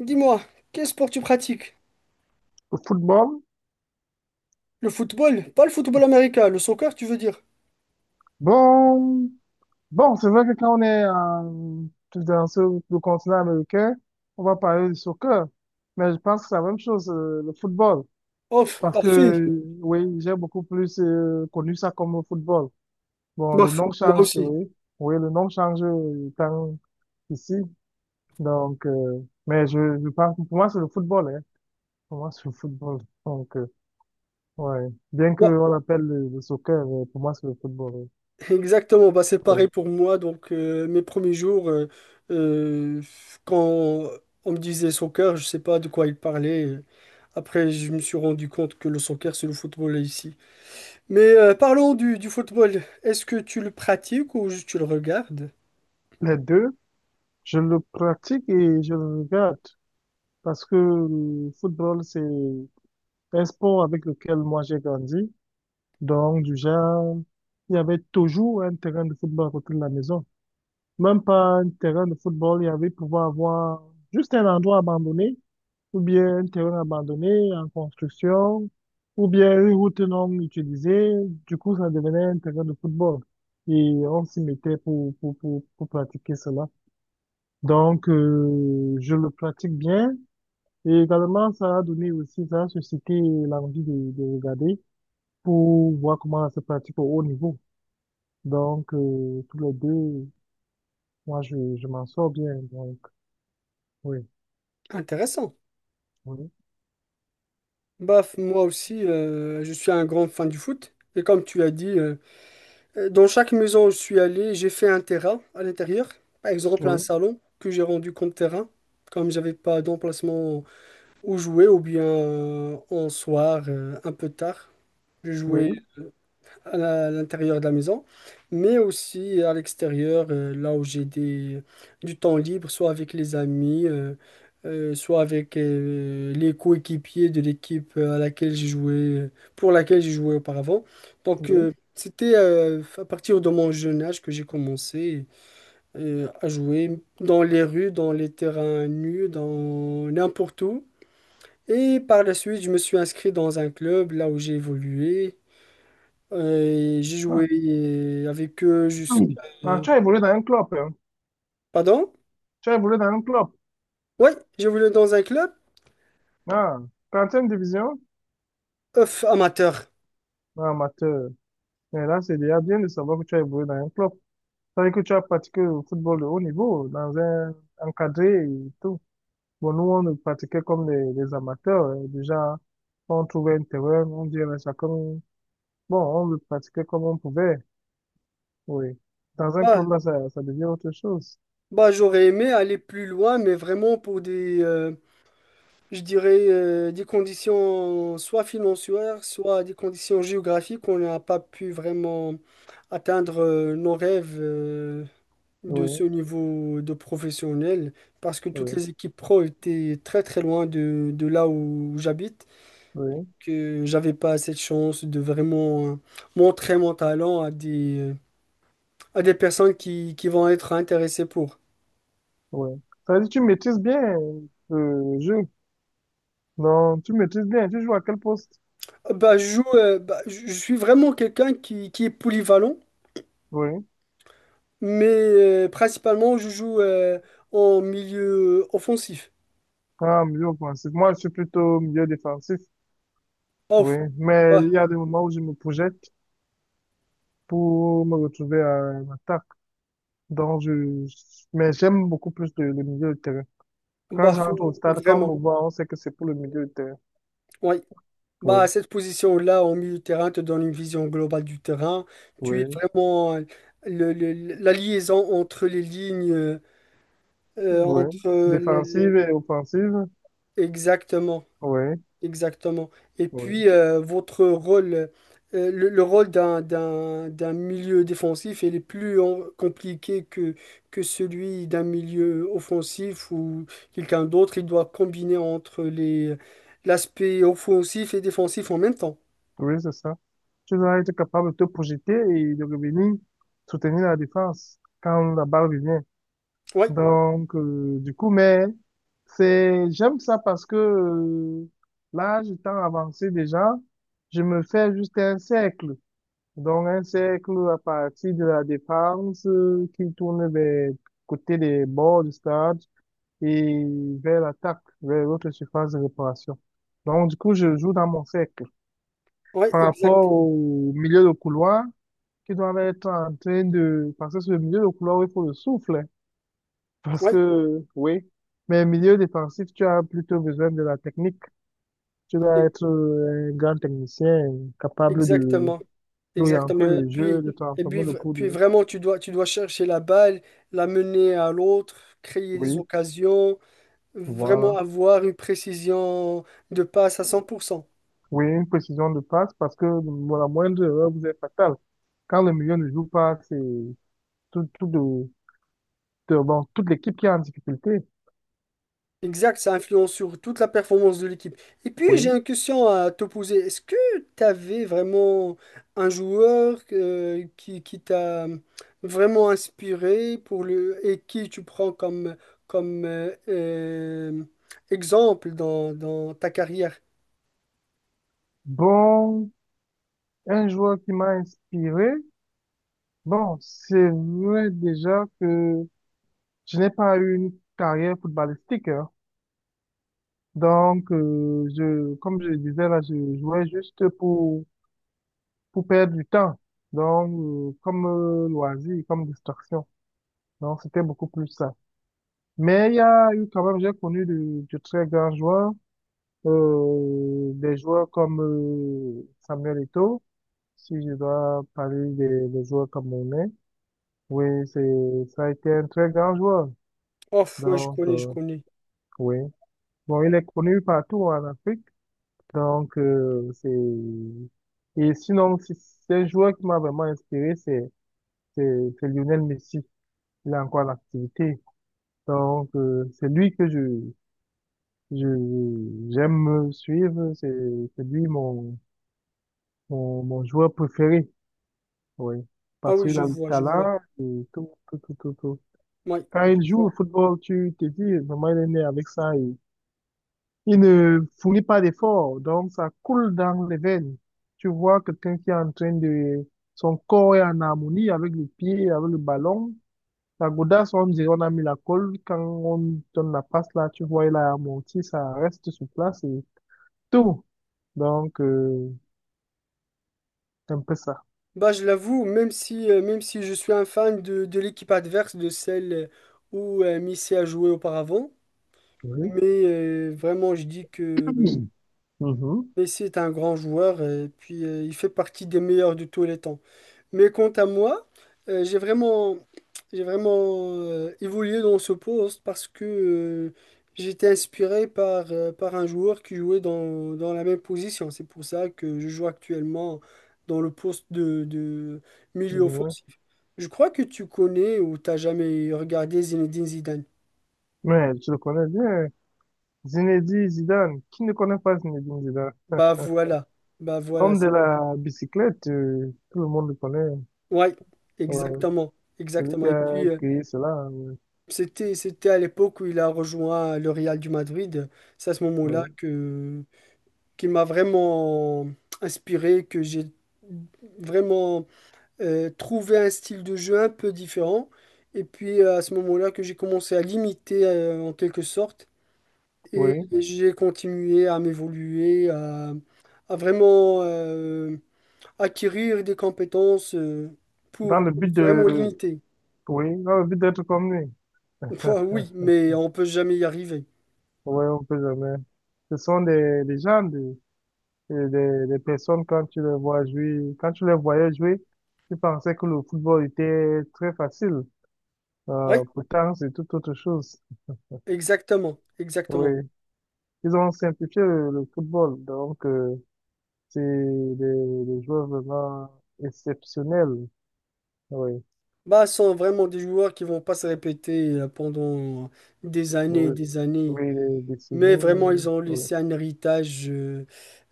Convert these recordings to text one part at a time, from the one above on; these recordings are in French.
Dis-moi, quel sport tu pratiques? Au football. Le football? Pas le football américain, le soccer, tu veux dire? Bon, bon, c'est vrai que quand on est dans le continent américain, on va parler du soccer. Mais je pense que c'est la même chose, le football. Oh, Parce que, parfait. Oui, j'ai beaucoup plus connu ça comme le football. Bon, le Bof, nom moi change, aussi. oui. Oui, le nom change quand ici. Donc, euh, mais je pense que pour moi, c'est le football, hein. Pour moi, c'est le football. Donc, euh, ouais. Bien Moi, qu'on l'appelle le soccer, mais pour moi, c'est le football. exactement, bah, c'est Ouais, pareil ouais. pour moi. Donc, mes premiers jours, euh, quand on me disait soccer, je sais pas de quoi il parlait. Après, je me suis rendu compte que le soccer, c'est le football ici. Mais parlons du football. Est-ce que tu le pratiques ou juste tu le regardes? Les deux. Je le pratique et je le regarde, parce que le football, c'est un sport avec lequel moi j'ai grandi. Donc, du genre, il y avait toujours un terrain de football à côté de la maison. Même pas un terrain de football, il y avait pouvoir avoir juste un endroit abandonné, ou bien un terrain abandonné en construction, ou bien une route non utilisée. Du coup, ça devenait un terrain de football, et on s'y mettait pour pratiquer cela. Donc, je le pratique bien. Et également, ça a donné aussi, ça a suscité l'envie de regarder pour voir comment ça se pratique au haut niveau. Donc, tous les deux, moi, je m'en sors bien. Donc, oui, Intéressant. oui, Bah, moi aussi, je suis un grand fan du foot. Et comme tu as dit, dans chaque maison où je suis allé, j'ai fait un terrain à l'intérieur, par exemple un oui, salon que j'ai rendu comme terrain, comme j'avais pas d'emplacement où jouer, ou bien en soir, un peu tard. Je oui, jouais à l'intérieur de la maison, mais aussi à l'extérieur, là où j'ai du temps libre, soit avec les amis, soit avec les coéquipiers de l'équipe à laquelle j'ai joué, pour laquelle j'ai joué auparavant. Donc, oui. C'était à partir de mon jeune âge que j'ai commencé à jouer dans les rues, dans les terrains nus, dans n'importe où. Et par la suite, je me suis inscrit dans un club, là où j'ai évolué. J'ai Ah. joué avec eux jusqu'à... Ah, tu as évolué dans un club, hein. Pardon? Tu as évolué dans un club. Oui, j'ai voulu dans un club Ah, 30 division? off, amateur. Ah, amateur. Mais là, c'est déjà bien de savoir que tu as évolué dans un club. Ça veut dire que tu as pratiqué le football de haut niveau, dans un encadré et tout. Bon, nous, on le pratiquait comme des les amateurs, hein. Déjà, on trouvait un terrain, on dirait ça comme... Bon, on le pratiquait comme on pouvait, oui. Dans un Bah, club, là, ça devient autre chose. bah, j'aurais aimé aller plus loin, mais vraiment pour je dirais, des conditions soit financières, soit des conditions géographiques, on n'a pas pu vraiment atteindre nos rêves de Oui, ce niveau de professionnel, parce que toutes oui, les équipes pro étaient très très loin de là où j'habite. oui, Que j'avais pas cette chance de vraiment montrer mon talent à à des personnes qui vont être intéressées pour. oui. Ça veut dire que tu maîtrises bien le jeu. Non, tu maîtrises bien. Tu joues à quel poste? Bah, je joue, bah, je suis vraiment quelqu'un qui est polyvalent, Oui. mais principalement je joue en milieu offensif. Ah, milieu offensif. Moi, je suis plutôt milieu défensif. Oui. Off. Mais il Bah, y a des moments où je me projette pour me retrouver à l'attaque. Donc, je... Mais j'aime beaucoup plus le milieu de terrain. Quand j'entre au stade, quand on vraiment. me voit, on sait que c'est pour le milieu de terrain. Oui. Bah, Oui, cette position-là, en milieu de terrain, te donne une vision globale du terrain. Tu es oui, vraiment la liaison entre les lignes. Oui. Entre Défensive et offensive. exactement, Oui, exactement. Et oui. puis, votre rôle, le rôle d'un milieu défensif, il est plus compliqué que celui d'un milieu offensif ou quelqu'un d'autre. Il doit combiner entre les, l'aspect offensif et défensif en même temps. Oui, c'est ça. Tu dois être capable de te projeter et de revenir soutenir la défense quand la balle revient. Oui, Mais c'est, j'aime ça parce que l'âge étant avancé déjà, je me fais juste un cercle. Donc, un cercle à partir de la défense qui tourne vers côté des bords du stade, et vers l'attaque, vers l'autre surface de réparation. Donc, du coup, je joue dans mon cercle. oui, Par exact. rapport au milieu de couloir, qui doit être en train de... Parce que sur le milieu de couloir, il faut le souffle, hein. Parce Oui, que, oui. Mais milieu défensif, tu as plutôt besoin de la technique. Tu e- dois être un grand technicien capable de exactement, exactement. d'orienter Et le jeu, puis, de et puis, transformer le v- coup puis de... vraiment, tu dois chercher la balle, la mener à l'autre, créer des Oui. occasions. Vraiment Voilà. avoir une précision de passe à 100%. Oui, une précision de passe, parce que bon, la moindre erreur vous est fatale. Quand le milieu ne joue pas, c'est tout, tout de, bon, toute l'équipe qui est en difficulté. Exact, ça influence sur toute la performance de l'équipe. Et puis, j'ai Oui. une question à te poser. Est-ce que tu avais vraiment un joueur qui t'a vraiment inspiré pour le, et qui tu prends comme, comme exemple dans ta carrière? Bon, un joueur qui m'a inspiré. Bon, c'est vrai déjà que je n'ai pas eu une carrière footballistique, hein. Donc, je, comme je le disais là, je jouais juste pour perdre du temps. Donc, comme loisir, comme distraction. Donc, c'était beaucoup plus ça. Mais il y a eu quand même, j'ai connu de très grands joueurs, des joueurs comme Samuel Eto'o, si je dois parler des joueurs camerounais. Oui, c'est, ça a été un très grand joueur. Oh, ouais, je Donc, connais, je connais. oui. Bon, il est connu partout en Afrique. Donc, euh, c'est, et sinon, c'est un joueur qui m'a vraiment inspiré, c'est Lionel Messi. Il est encore en activité. Donc, c'est lui que je, j'aime suivre, c'est lui mon joueur préféré, oui. Ah Parce oui, qu'il je a le vois, je vois. talent et tout, tout, tout, tout, tout. Oui, Quand je il joue au vois. football, tu te dis, vraiment, il est né avec ça, et il ne fournit pas d'efforts, donc ça coule dans les veines. Tu vois quelqu'un qui est en train de... Son corps est en harmonie avec les pieds, avec le ballon. La godasse, on dirait, on a mis la colle. Quand on donne la passe là, tu vois, il a amorti, ça reste sur place et tout. Donc, euh, C'est un peu ça. Bah, je l'avoue, même si je suis un fan de l'équipe adverse, de celle où Messi a joué auparavant, Oui. mais vraiment, je dis que Mhm. Mhm. Messi est un grand joueur et puis il fait partie des meilleurs de tous les temps. Mais quant à moi, euh, j'ai vraiment, j'ai vraiment évolué dans ce poste parce que j'étais inspiré par, par un joueur qui jouait dans la même position. C'est pour ça que je joue actuellement dans le poste de milieu Ouais. offensif. Je crois que tu connais ou t'as jamais regardé Zinedine Zidane. Mais je le connais bien. Zinedine Zidane. Qui ne connaît pas Zinedine Zidane? Bah voilà, bah voilà, L'homme de c'est... la bicyclette, tout le monde le connaît. Ouais, Ouais. exactement, Celui exactement. qui Et a puis, créé cela, c'était, c'était à l'époque où il a rejoint le Real du Madrid. C'est à ce moment-là ouais. que qu'il m'a vraiment inspiré, que j'ai vraiment trouvé un style de jeu un peu différent. Et puis à ce moment-là que j'ai commencé à l'imiter en quelque sorte. Et Oui. j'ai continué à m'évoluer, à vraiment acquérir des compétences Dans le pour but vraiment de, l'imiter. oui, dans le but d'être comme lui. Enfin, oui, mais on peut jamais y arriver. Oui, on peut jamais. Ce sont des gens, des personnes, quand tu les vois jouer, quand tu les voyais jouer, tu pensais que le football était très facile. Pourtant, c'est tout autre chose. Exactement, Oui, exactement. ils ont simplifié le football, donc c'est des joueurs vraiment exceptionnels. Oui, Bah, ce sont vraiment des joueurs qui vont pas se répéter pendant des années et oui, des années. oui, les Mais vraiment, ils décennies, ont voilà. laissé un héritage euh,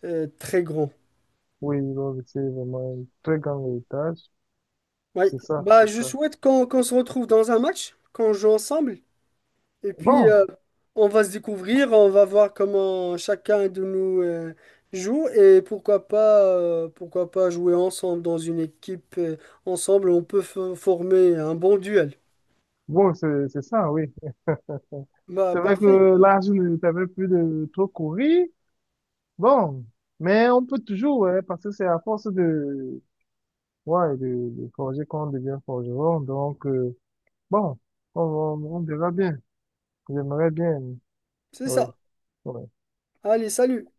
euh, très grand. Oui, ils ont laissé vraiment un très grand héritage. Oui. C'est ça, Bah, c'est je ça. souhaite qu'on se retrouve dans un match, qu'on joue ensemble. Et puis, Bon, on va se découvrir, on va voir comment chacun de nous joue. Et pourquoi pas jouer ensemble dans une équipe. Ensemble, on peut former un bon duel. bon, c'est ça, oui. Bah, C'est vrai parfait. que là, je ne savais plus de trop courir. Bon, mais on peut toujours, ouais, parce que c'est à force ouais, de forger qu'on devient forgeron. Donc, bon, on verra bien. J'aimerais bien. C'est Oui, ça. oui. Allez, salut!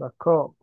D'accord.